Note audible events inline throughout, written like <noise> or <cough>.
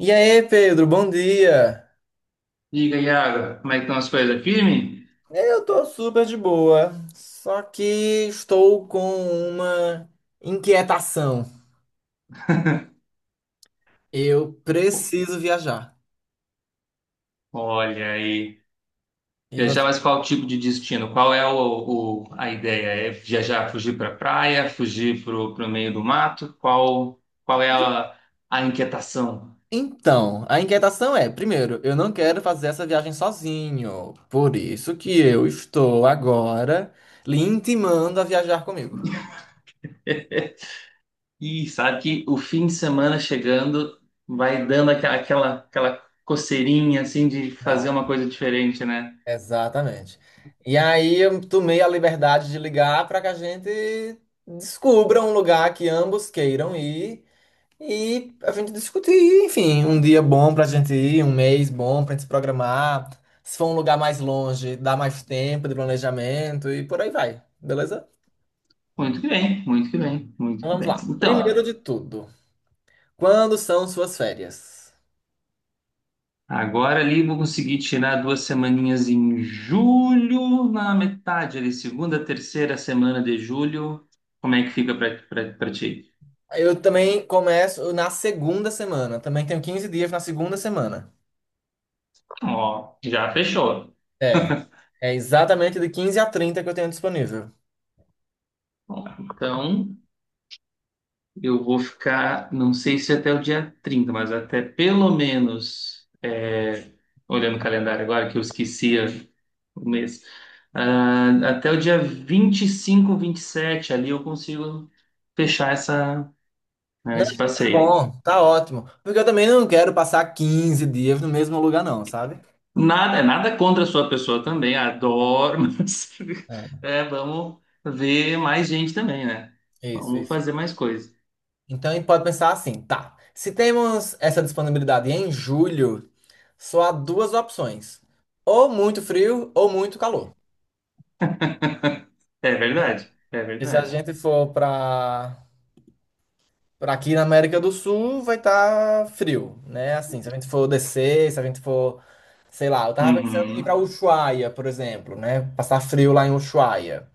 E aí, Pedro, bom dia. Diga, Iago, como é que estão as coisas? Firme? É, eu tô super de boa, só que estou com uma inquietação. Eu preciso viajar. Olha aí. E Viajar, você? mas qual tipo de destino? Qual é a ideia? É viajar, fugir para praia, fugir para o meio do mato? Qual é a inquietação? Então, a inquietação é, primeiro, eu não quero fazer essa viagem sozinho. Por isso que eu estou agora lhe intimando a viajar comigo. E sabe que o fim de semana chegando vai dando aquela coceirinha assim de Ah, fazer uma coisa diferente, né? exatamente. E aí eu tomei a liberdade de ligar para que a gente descubra um lugar que ambos queiram ir. E a gente discutir, enfim, um dia bom pra gente ir, um mês bom pra gente se programar. Se for um lugar mais longe, dá mais tempo de planejamento e por aí vai, beleza? Muito que bem, muito que bem, muito Então, que vamos bem. lá. Primeiro Então. de tudo, quando são suas férias? Agora ali vou conseguir tirar 2 semaninhas em julho, na metade ali, segunda, terceira semana de julho. Como é que fica pra ti? Eu também começo na segunda semana, também tenho 15 dias na segunda semana. Ó, já fechou. É, é exatamente de 15 a 30 que eu tenho disponível. Ó, então, eu vou ficar, não sei se até o dia 30, mas até pelo menos, é, olhando o calendário agora, que eu esquecia o mês, ah, até o dia 20, 25, 27 ali eu consigo fechar né, Não, esse então tá passeio. bom, tá ótimo. Porque eu também não quero passar 15 dias no mesmo lugar, não, sabe? Nada, é nada contra a sua pessoa também, adoro, <laughs> mas É, vamos ver mais gente também, né? isso, Vamos isso. fazer mais coisas. Então, a gente pode pensar assim, tá. Se temos essa disponibilidade em julho, só há duas opções: ou muito frio ou muito calor, É né? verdade, é E se a verdade. gente for para aqui na América do Sul, vai estar frio, né? Assim, se a gente for descer, se a gente for, sei lá, eu tava pensando em ir para Uhum. Ushuaia, por exemplo, né? Passar frio lá em Ushuaia.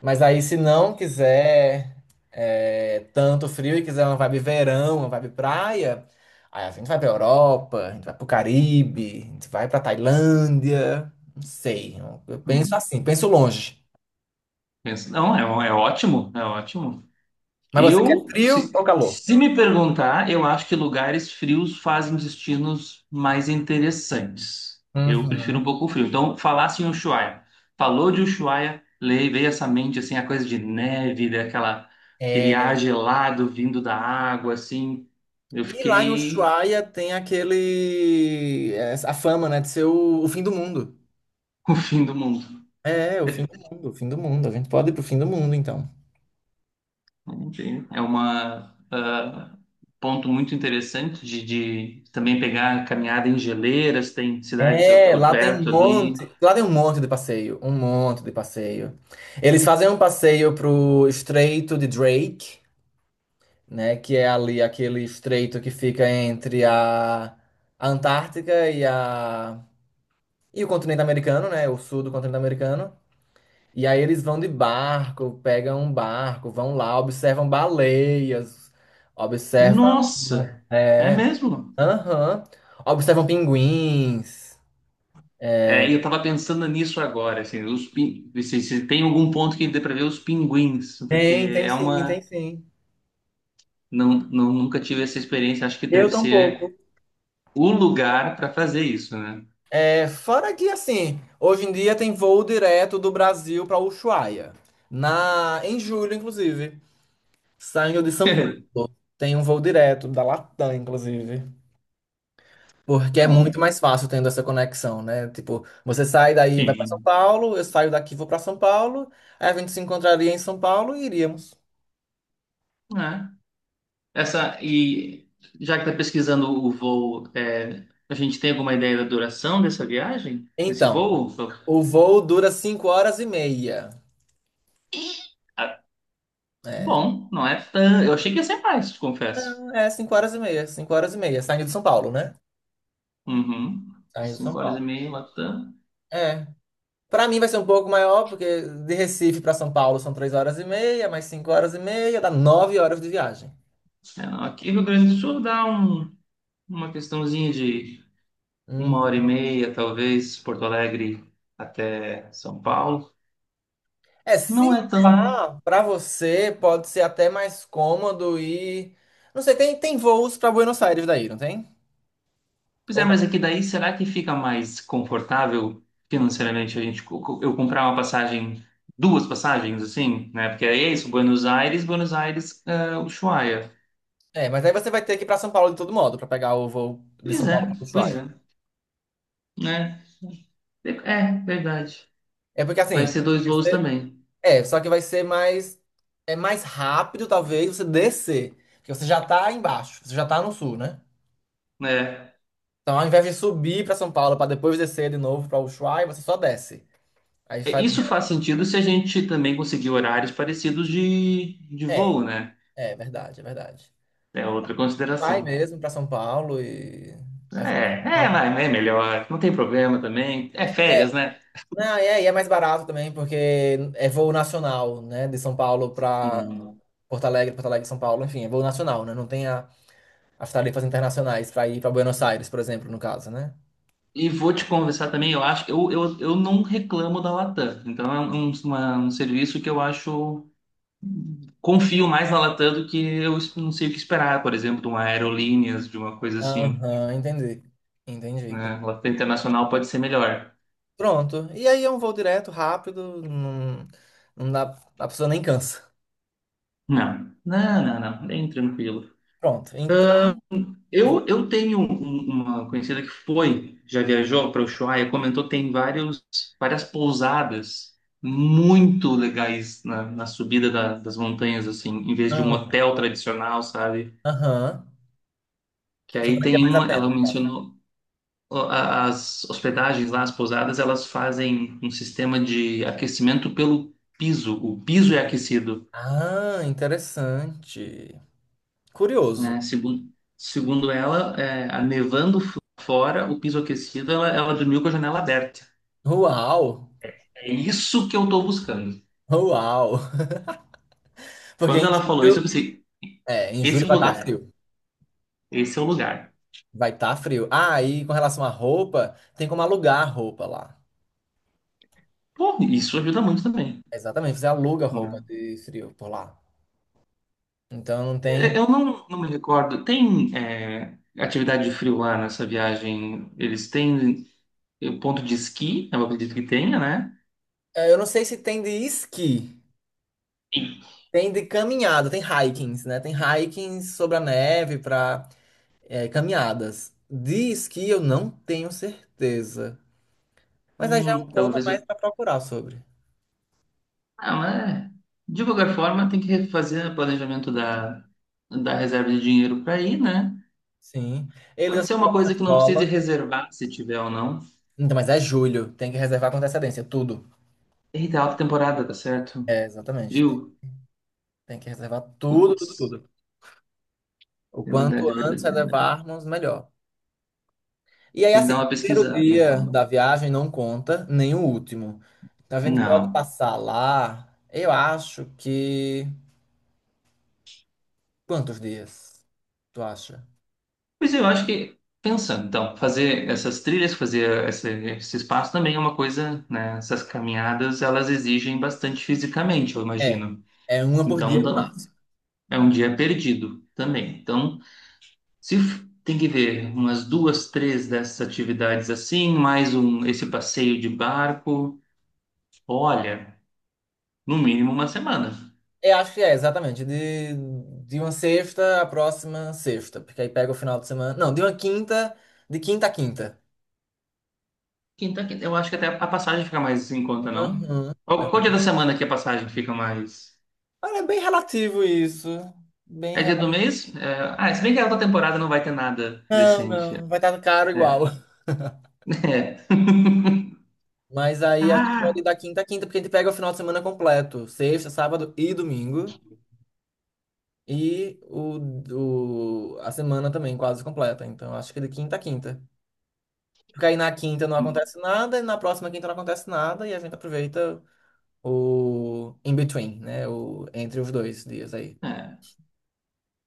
Mas aí, se não quiser tanto frio e quiser uma vibe verão, uma vibe praia, aí a gente vai pra Europa, a gente vai pro Caribe, a gente vai pra Tailândia. Não sei. Eu penso assim, penso longe. Não, é ótimo, é ótimo. Mas você quer Eu, frio se, ou calor? se me perguntar, eu acho que lugares frios fazem destinos mais interessantes. Eu prefiro Uhum. um pouco frio. Então, falasse em Ushuaia. Falou de Ushuaia, veio essa mente, assim, a coisa de neve, aquele ar É, gelado vindo da água, assim. Eu e lá em fiquei Ushuaia tem aquele, a fama, né, de ser o fim do mundo. <laughs> com o fim do mundo. É, o fim do mundo, o fim do mundo. A gente pode ir pro fim do mundo, então. Enfim, ponto muito interessante de também pegar caminhada em geleiras, tem cidades É, por lá tem um perto ali. monte, lá tem um monte de passeio, um monte de passeio. Eles fazem um passeio pro Estreito de Drake, né, que é ali aquele estreito que fica entre a Antártica e o continente americano, né, o sul do continente americano. E aí eles vão de barco, pegam um barco, vão lá, observam baleias, observam, Nossa, é é, mesmo? aham, observam pinguins. É, e eu tava pensando nisso agora, assim, se tem algum ponto que dê pra ver os pinguins, porque Tem é sim, uma tem sim. não nunca tive essa experiência, acho que Eu deve tampouco. ser o lugar pra fazer isso, né? É, fora que assim, hoje em dia tem voo direto do Brasil para Ushuaia. Em julho, inclusive. Saindo de São Paulo. <laughs> Tem um voo direto da Latam, inclusive. Porque é Bom, muito mais fácil tendo essa conexão, né? Tipo, você sai daí, e vai para São sim. Paulo, eu saio daqui, e vou para São Paulo, aí a gente se encontraria em São Paulo e iríamos. Né? Essa e Já que tá pesquisando o voo, a gente tem alguma ideia da duração dessa viagem, desse Então, voo? o voo dura 5 horas e meia. Ah, bom, não é tão, eu achei que ia ser mais, te confesso. É, 5 horas e meia, 5 horas e meia, saindo de São Paulo, né? Uhum. Saindo de São Cinco horas e Paulo. meia, Latam. É. Para mim vai ser um pouco maior, porque de Recife para São Paulo são 3 horas e meia, mais 5 horas e meia, dá 9 horas de viagem. É, não, aqui no Rio Grande do Sul dá uma questãozinha de uma Hum. hora e meia, talvez, Porto Alegre até São Paulo. É, se Não é tão. pá, para você pode ser até mais cômodo ir. Não sei, tem voos para Buenos Aires daí, não tem? Pois Ou é, mas não? aqui daí será que fica mais confortável financeiramente a gente co- co- eu comprar uma passagem, duas passagens, assim, né? Porque é isso, Buenos Aires, Ushuaia. É, mas aí você vai ter que ir pra São Paulo de todo modo, para pegar o voo de São Paulo para Pois Ushuaia. é, né? É, verdade. É porque Vai assim, ser dois voos você- também, só que vai ser mais, é mais rápido, talvez, você descer. Porque você já tá embaixo, você já tá no sul, né? né? Então, ao invés de subir para São Paulo para depois descer de novo para Ushuaia, você só desce. Aí É, faria. isso faz sentido se a gente também conseguir horários parecidos de voo, É, né? é verdade, é verdade. É outra Vai consideração. mesmo para São Paulo e aí fica É, por é, conta. mas é melhor, não tem problema também. É É, férias, né? não, e é mais barato também, porque é voo nacional, né? De São Paulo para Sim. Porto Alegre, Porto Alegre, São Paulo, enfim, é voo nacional, né? Não tem as tarifas internacionais para ir para Buenos Aires, por exemplo, no caso, né? E vou te conversar também, eu acho, eu não reclamo da Latam. Então é um serviço que eu acho, confio mais na Latam do que não sei o que esperar, por exemplo, de uma Aerolíneas, de uma coisa assim, Aham, entendi. Entendi, entendi. né? Latam Internacional pode ser melhor. Pronto. E aí é um voo direto, rápido, não, não dá, a pessoa nem cansa. Não, não, não, não, bem tranquilo. Pronto. Então, Eu tenho uma conhecida que foi, já viajou para Ushuaia, comentou que tem várias pousadas muito legais na subida das montanhas, assim, em vez de um aham. hotel tradicional, sabe? Aham, Que que aí valeria tem mais a uma, pena, ela no caso. mencionou, ó, as hospedagens lá, as pousadas, elas fazem um sistema de aquecimento pelo piso. O piso é aquecido, Ah, interessante. Curioso. né? Segundo ela, a nevando fora, o piso aquecido, ela dormiu com a janela aberta. Uau! É isso que eu tô buscando. Uau! <laughs> Porque Quando em ela falou isso, eu julho, pensei, é, em esse julho é o vai estar lugar, frio. esse é o lugar. Vai estar frio. Ah, e com relação à roupa, tem como alugar roupa lá. Pô, isso ajuda muito também, Exatamente, você aluga roupa né? de frio por lá. Então não É, tem. eu não me recordo, tem atividade de frio lá nessa viagem? Eles têm ponto de esqui, eu acredito que tenha, né? Eu não sei se tem de esqui, E, tem de caminhada, tem hikings, né? Tem hikings sobre a neve para caminhadas. Diz que eu não tenho certeza. Mas aí já é um ponto a talvez eu. mais para procurar sobre. Ah, mas de qualquer forma tem que refazer o planejamento da reserva de dinheiro para ir, né? Sim. Eles Pode ser assinam uma coisa bastante que não precise dólar. reservar se tiver ou não. Então, mas é julho. Tem que reservar com antecedência. Tudo. Eita, alta temporada, tá certo? É, exatamente. Tem, Frio. tem que reservar tudo, tudo, Putz, tudo. O é quanto verdade, é antes verdade, é verdade. reservarmos, melhor. E aí, Tem que assim, dar o uma primeiro pesquisada, dia então. da viagem não conta, nem o último. Então a gente pode Não. passar lá, eu acho que. Quantos dias? Tu acha? Pois eu acho que, pensando, então, fazer essas trilhas, fazer esse espaço também é uma coisa, né? Essas caminhadas, elas exigem bastante fisicamente, eu É. imagino. É uma por dia Então, no máximo. é um dia perdido também. Então, se tem que ver umas duas, três dessas atividades assim, mais um, esse passeio de barco, olha, no mínimo uma semana. Eu acho que exatamente. De uma sexta à próxima sexta. Porque aí pega o final de semana. Não, de quinta a quinta. Quinta, quinta. Eu acho que até a passagem fica mais em conta, não? Uhum. Qual dia da semana que a passagem fica mais? Olha, é bem relativo isso. Bem É dia do relativo. mês? É, ah, se bem que a outra temporada não vai ter nada Não, decente. não, vai estar caro É. igual. <laughs> É. Mas aí a gente pode Ah! ir da quinta a quinta, porque a gente pega o final de semana completo. Sexta, sábado e domingo. E a semana também quase completa. Então acho que é de quinta a quinta. Porque aí na quinta não acontece nada, e na próxima quinta não acontece nada, e a gente aproveita. O in between, né? Entre os 2 dias aí. É.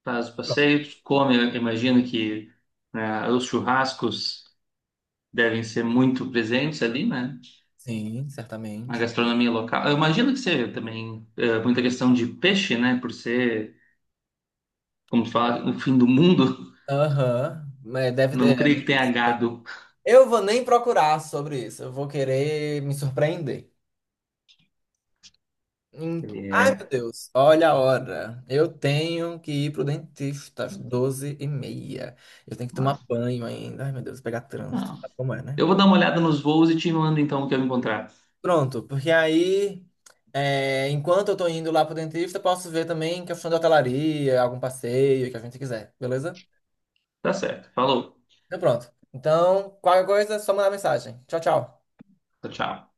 Faz o Pronto. passeio, come, eu imagino que, né, os churrascos devem ser muito presentes ali, né? Sim, A certamente. gastronomia local. Eu imagino que seja também muita questão de peixe, né? Por ser, como tu fala, o fim do mundo. Aham, mas <laughs> deve ter. Não creio que né? tenha gado. Eu vou nem procurar sobre isso, eu vou querer me surpreender. Ai, meu É. Deus, olha a hora. Eu tenho que ir pro dentista às 12h30. Eu tenho que tomar banho ainda. Ai, meu Deus, pegar trânsito. Não. Sabe como é, né? Eu vou dar uma olhada nos voos e te mando então o que eu encontrar. Pronto, porque aí, enquanto eu tô indo lá pro dentista, posso ver também questão de hotelaria, algum passeio que a gente quiser, beleza? Tá certo. Falou. Então pronto. Então, qualquer coisa, só mandar mensagem. Tchau, tchau. Tchau, tchau.